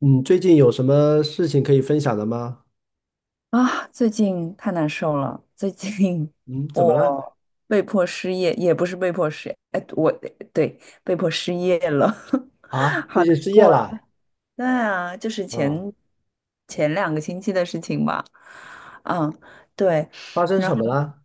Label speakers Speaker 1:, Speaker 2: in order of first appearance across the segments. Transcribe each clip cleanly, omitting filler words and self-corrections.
Speaker 1: 嗯，最近有什么事情可以分享的吗？
Speaker 2: 啊，最近太难受了。最近
Speaker 1: 嗯，怎么了？
Speaker 2: 我被迫失业，也不是被迫失业，哎，我对被迫失业了，
Speaker 1: 啊，
Speaker 2: 好
Speaker 1: 最
Speaker 2: 难
Speaker 1: 近失业
Speaker 2: 过。
Speaker 1: 了？
Speaker 2: 对啊，就是
Speaker 1: 嗯，
Speaker 2: 前2个星期的事情吧。嗯，对。
Speaker 1: 发生什么了？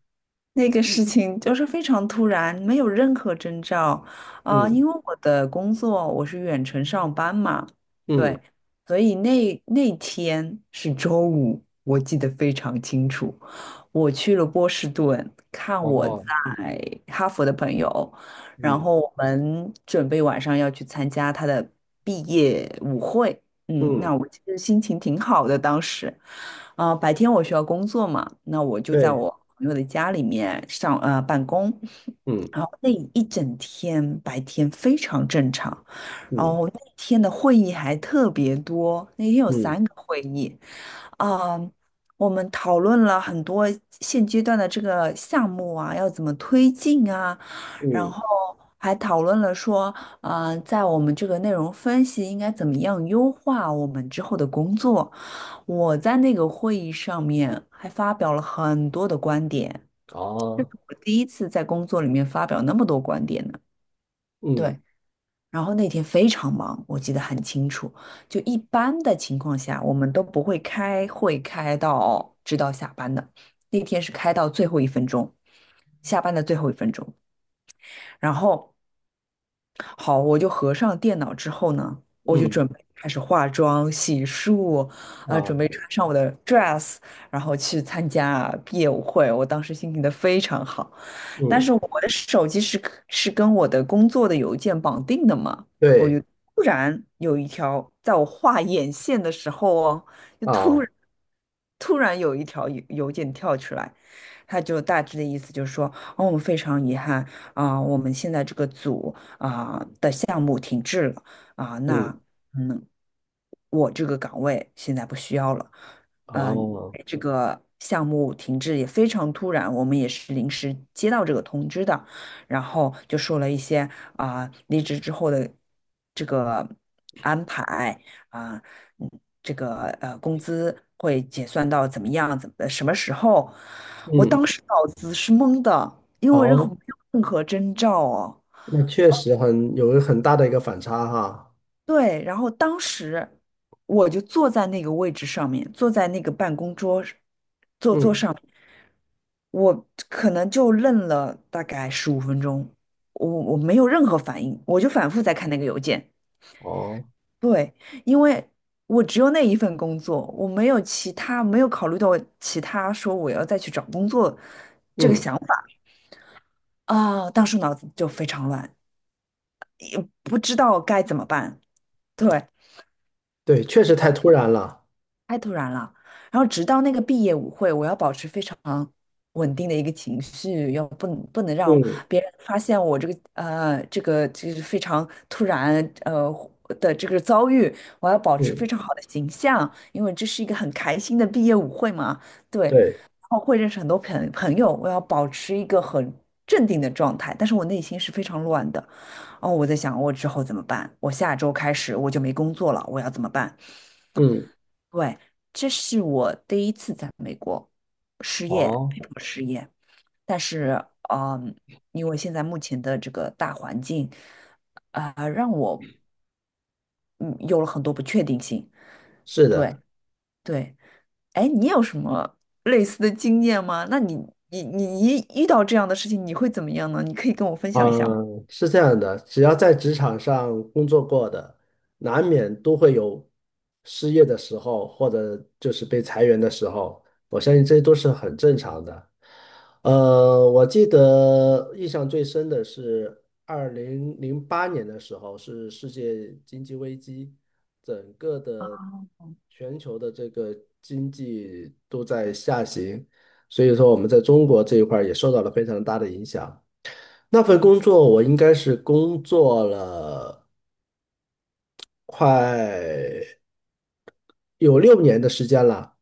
Speaker 2: 那个事情就是非常突然，没有任何征兆因
Speaker 1: 嗯
Speaker 2: 为我的工作我是远程上班嘛，
Speaker 1: 嗯，
Speaker 2: 对，所以那天是周五，我记得非常清楚。我去了波士顿看我
Speaker 1: 哦，
Speaker 2: 在哈佛的朋友，然
Speaker 1: 嗯
Speaker 2: 后我们准备晚上要去参加他的毕业舞会。嗯，
Speaker 1: 嗯，
Speaker 2: 那我其实心情挺好的，当时，啊，白天我需要工作嘛，那我就在
Speaker 1: 对，
Speaker 2: 我朋友的家里面上办公。
Speaker 1: 嗯
Speaker 2: 然后那一整天白天非常正常，然
Speaker 1: 嗯
Speaker 2: 后那天的会议还特别多，那天有
Speaker 1: 嗯
Speaker 2: 三个会议。啊，我们讨论了很多现阶段的这个项目啊，要怎么推进啊。然
Speaker 1: 嗯，
Speaker 2: 后还讨论了说，在我们这个内容分析应该怎么样优化我们之后的工作。我在那个会议上面还发表了很多的观点，这是
Speaker 1: 哦，
Speaker 2: 我第一次在工作里面发表那么多观点呢。对。
Speaker 1: 嗯
Speaker 2: 然后那天非常忙，我记得很清楚。就一般的情况下，我们都不会开会开到直到下班的。那天是开到最后一分钟，下班的最后一分钟。然后好，我就合上电脑之后呢，我就
Speaker 1: 嗯
Speaker 2: 准备开始化妆、洗漱啊，准备
Speaker 1: 啊，
Speaker 2: 穿上我的 dress，然后去参加毕业舞会。我当时心情的非常好，但
Speaker 1: 嗯，
Speaker 2: 是我的手机是跟我的工作的邮件绑定的嘛，我就
Speaker 1: 对，
Speaker 2: 突然有一条，在我画眼线的时候哦，就突
Speaker 1: 啊，
Speaker 2: 然突然有一条邮件跳出来。他就大致的意思就是说，哦，我们非常遗憾。我们现在这个组的项目停滞了啊、那
Speaker 1: 嗯
Speaker 2: 嗯，我这个岗位现在不需要了。呃，
Speaker 1: 哦，
Speaker 2: 这个项目停滞也非常突然，我们也是临时接到这个通知的，然后就说了一些离职之后的这个安排啊、嗯，这个工资会结算到怎么样，什么时候？我
Speaker 1: 嗯
Speaker 2: 当时脑子是懵的，因为我没
Speaker 1: 哦，
Speaker 2: 有任何征兆哦。
Speaker 1: 那确实很有一个很大的一个反差哈。
Speaker 2: 对，然后当时我就坐在那个位置上面，坐在那个办公桌上，
Speaker 1: 嗯，
Speaker 2: 我可能就愣了大概15分钟，我没有任何反应，我就反复在看那个邮件。
Speaker 1: 哦，
Speaker 2: 对，因为我只有那一份工作，我没有其他，没有考虑到其他，说我要再去找工作。
Speaker 1: 嗯，
Speaker 2: 啊，当时脑子就非常乱，不知道该怎么办。对，
Speaker 1: 对，确实太突然了。
Speaker 2: 太突然了。然后直到那个毕业舞会，我要保持非常稳定的一个情绪，要不能让
Speaker 1: 嗯
Speaker 2: 别人发现我这个就是非常突然呃的这个遭遇，我要保持非
Speaker 1: 嗯，
Speaker 2: 常好的形象，因为这是一个很开心的毕业舞会嘛，对。
Speaker 1: 对，
Speaker 2: 然后会认识很多朋友，我要保持一个很镇定的状态，但是我内心是非常乱的。哦，我在想我之后怎么办？我下周开始我就没工作了，我要怎么办？
Speaker 1: 嗯，
Speaker 2: 对，这是我第一次在美国失业，
Speaker 1: 哦，
Speaker 2: 被迫失业。但是，嗯，因为现在目前的这个大环境，让我嗯有了很多不确定性。
Speaker 1: 是
Speaker 2: 对
Speaker 1: 的。
Speaker 2: 对，哎，你有什么类似的经验吗？那你一遇到这样的事情，你会怎么样呢？你可以跟我分享一下吗？
Speaker 1: 嗯，是这样的，只要在职场上工作过的，难免都会有失业的时候，或者就是被裁员的时候，我相信这都是很正常的。我记得印象最深的是2008年的时候，是世界经济危机，
Speaker 2: 啊，
Speaker 1: 全球的这个经济都在下行，所以说我们在中国这一块儿也受到了非常大的影响。那份
Speaker 2: 嗯，
Speaker 1: 工作我应该是工作了快有6年的时间了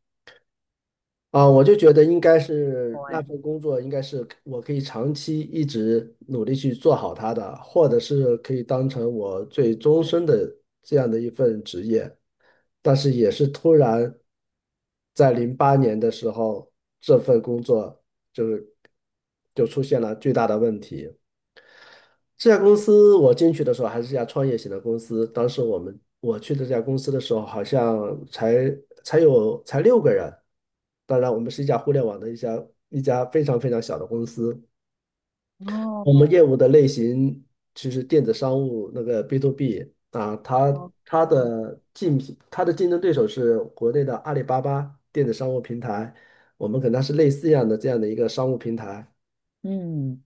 Speaker 1: 啊，我就觉得应该是那
Speaker 2: 对，
Speaker 1: 份工作应该是我可以长期一直努力去做好它的，或者是可以当成我最终身的这样的一份职业。但是也是突然在零八年的时候，这份工作就是就出现了巨大的问题。这家公司我进去的时候还是一家创业型的公司，当时我去的这家公司的时候，好像才才六个人。当然，我们是一家互联网的一家非常非常小的公司。我们
Speaker 2: 哦，
Speaker 1: 业务的类型其实电子商务那个 B to B 啊，它
Speaker 2: 哦，
Speaker 1: 它
Speaker 2: 哦，
Speaker 1: 的竞品它的竞争对手是国内的阿里巴巴电子商务平台，我们跟它是类似一样的这样的一个商务平台。
Speaker 2: 嗯，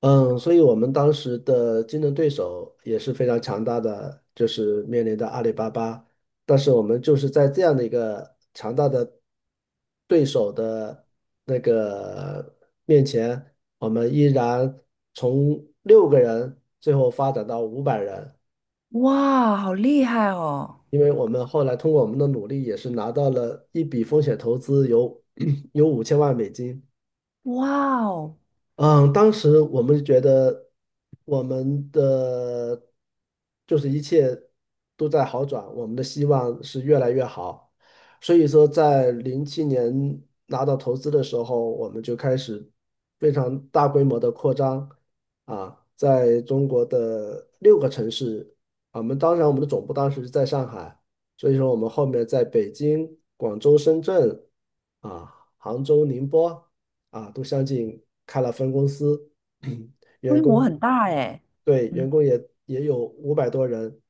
Speaker 1: 嗯，所以我们当时的竞争对手也是非常强大的，就是面临着阿里巴巴。但是我们就是在这样的一个强大的对手的那个面前，我们依然从六个人最后发展到500人，
Speaker 2: 哇，好厉害哦！
Speaker 1: 因为我们后来通过我们的努力，也是拿到了一笔风险投资有，有5000万美金。
Speaker 2: 哇哦，
Speaker 1: 嗯，当时我们觉得我们的就是一切都在好转，我们的希望是越来越好。所以说，在07年拿到投资的时候，我们就开始非常大规模的扩张啊，在中国的六个城市，当然我们的总部当时是在上海，所以说我们后面在北京、广州、深圳啊、杭州、宁波。啊，都相继开了分公司，
Speaker 2: 规
Speaker 1: 员
Speaker 2: 模
Speaker 1: 工
Speaker 2: 很大哎，
Speaker 1: 对，员
Speaker 2: 嗯
Speaker 1: 工也有五百多人，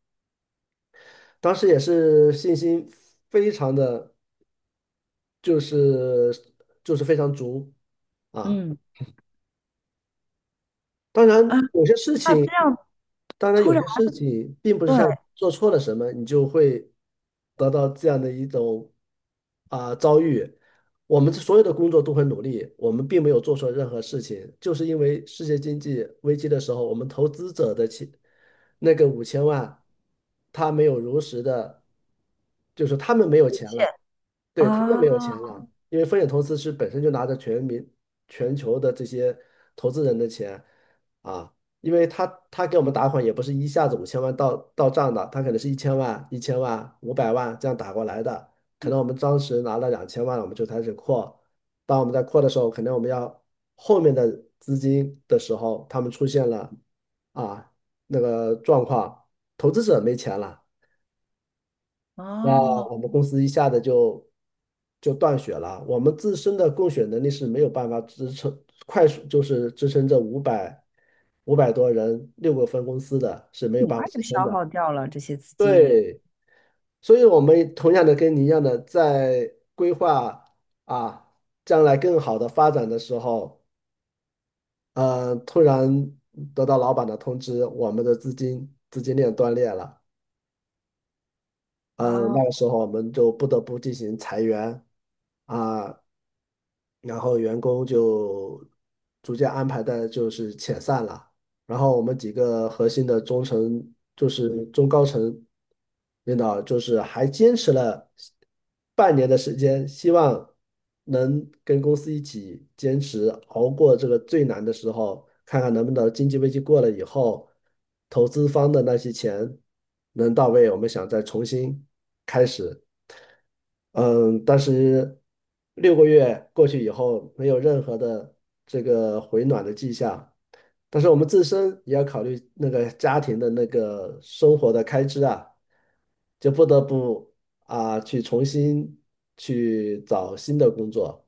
Speaker 1: 当时也是信心非常的，就是就是非常足啊。
Speaker 2: 嗯，
Speaker 1: 当然，
Speaker 2: 啊，
Speaker 1: 有些事
Speaker 2: 那这
Speaker 1: 情，
Speaker 2: 样，
Speaker 1: 当然
Speaker 2: 突
Speaker 1: 有
Speaker 2: 然，
Speaker 1: 些事情，并不是像
Speaker 2: 对，
Speaker 1: 做错了什么，你就会得到这样的一种遭遇。我们所有的工作都很努力，我们并没有做错任何事情，就是因为世界经济危机的时候，我们投资者的钱那个五千万，他没有如实的，就是他们没有钱
Speaker 2: 线，
Speaker 1: 了。对，他们
Speaker 2: 啊
Speaker 1: 没有钱啊，因为风险投资是本身就拿着全民、全球的这些投资人的钱啊，因为他给我们打款也不是一下子五千万到账的，他可能是一千万、一千万、500万这样打过来的，可能我们当时拿了2000万，我们就开始扩，当我们在扩的时候，可能我们要后面的资金的时候，他们出现了啊那个状况，投资者没钱了。那
Speaker 2: 哦，
Speaker 1: 我们公司一下子就断血了。我们自身的供血能力是没有办法支撑快速，就是支撑这五百多人六个分公司的是没有
Speaker 2: 很
Speaker 1: 办
Speaker 2: 快
Speaker 1: 法支
Speaker 2: 就
Speaker 1: 撑
Speaker 2: 消
Speaker 1: 的。
Speaker 2: 耗掉了这些资金
Speaker 1: 所以，我们同样的跟你一样的，在规划啊将来更好的发展的时候，突然得到老板的通知，我们的资金链断裂了。嗯，那个
Speaker 2: 啊。
Speaker 1: 时候我们就不得不进行裁员啊，然后员工就逐渐安排的就是遣散了，然后我们几个核心的中层就是中高层领导就是还坚持了半年的时间，希望能跟公司一起坚持熬过这个最难的时候，看看能不能经济危机过了以后，投资方的那些钱能到位，我们想再重新开始。嗯，但是6个月过去以后，没有任何的这个回暖的迹象，但是我们自身也要考虑那个家庭的那个生活的开支啊，就不得不去重新去找新的工作。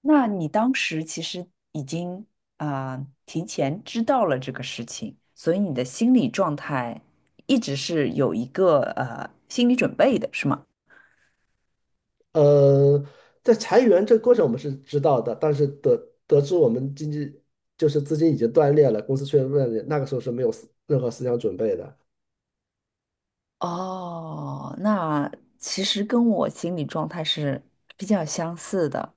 Speaker 2: 那你当时其实已经啊、提前知道了这个事情，所以你的心理状态一直是有一个心理准备的，是吗？
Speaker 1: 呃，在裁员这个过程我们是知道的，但是得知我们经济就是资金已经断裂了，公司确实断裂那个时候是没有任何思想准备的。
Speaker 2: 哦，那其实跟我心理状态是比较相似的，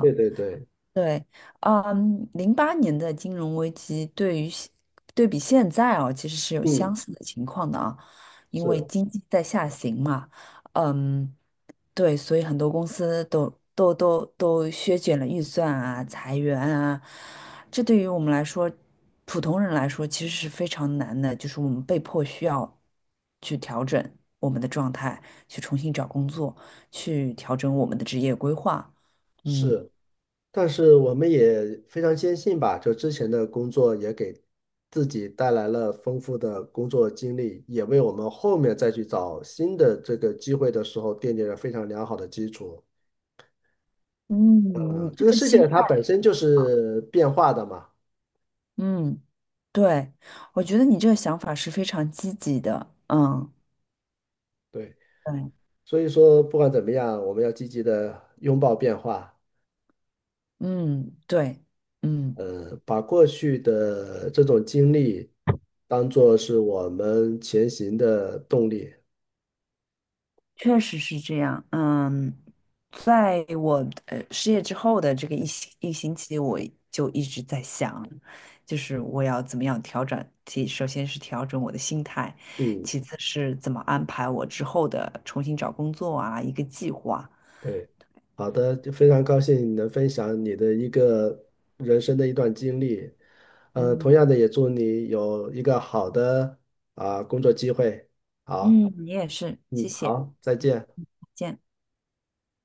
Speaker 1: 对对对，
Speaker 2: 对，嗯，08年的金融危机对于现对比现在哦，其实是有相
Speaker 1: 嗯，
Speaker 2: 似的情况的啊，因
Speaker 1: 是
Speaker 2: 为经济在下行嘛，嗯，对，所以很多公司都削减了预算啊，裁员啊，这对于我们来说，普通人来说其实是非常难的，就是我们被迫需要去调整我们的状态，去重新找工作，去调整我们的职业规划。嗯，
Speaker 1: 是，但是我们也非常坚信吧，就之前的工作也给自己带来了丰富的工作经历，也为我们后面再去找新的这个机会的时候奠定了非常良好的基础。
Speaker 2: 嗯，你
Speaker 1: 嗯，这
Speaker 2: 这
Speaker 1: 个
Speaker 2: 个
Speaker 1: 世界
Speaker 2: 心
Speaker 1: 它
Speaker 2: 态，
Speaker 1: 本身就是变化的嘛，
Speaker 2: 嗯，对，我觉得你这个想法是非常积极的。嗯，
Speaker 1: 对，
Speaker 2: 对，
Speaker 1: 所以说不管怎么样，我们要积极的拥抱变化，
Speaker 2: 嗯，对，嗯，
Speaker 1: 把过去的这种经历当做是我们前行的动力。
Speaker 2: 确实是这样。嗯，在我失业之后的这个一星期，我就一直在想，就是我要怎么样调整，首先是调整我的心态，
Speaker 1: 嗯。
Speaker 2: 其次是怎么安排我之后的重新找工作啊，一个计划。
Speaker 1: 对，好的，就非常高兴你能分享你的一个人生的一段经历。同
Speaker 2: 嗯
Speaker 1: 样的，也祝你有一个好的工作机会。好，
Speaker 2: 嗯，你也是，谢
Speaker 1: 嗯，
Speaker 2: 谢，
Speaker 1: 好，再
Speaker 2: 嗯，
Speaker 1: 见。
Speaker 2: 再见。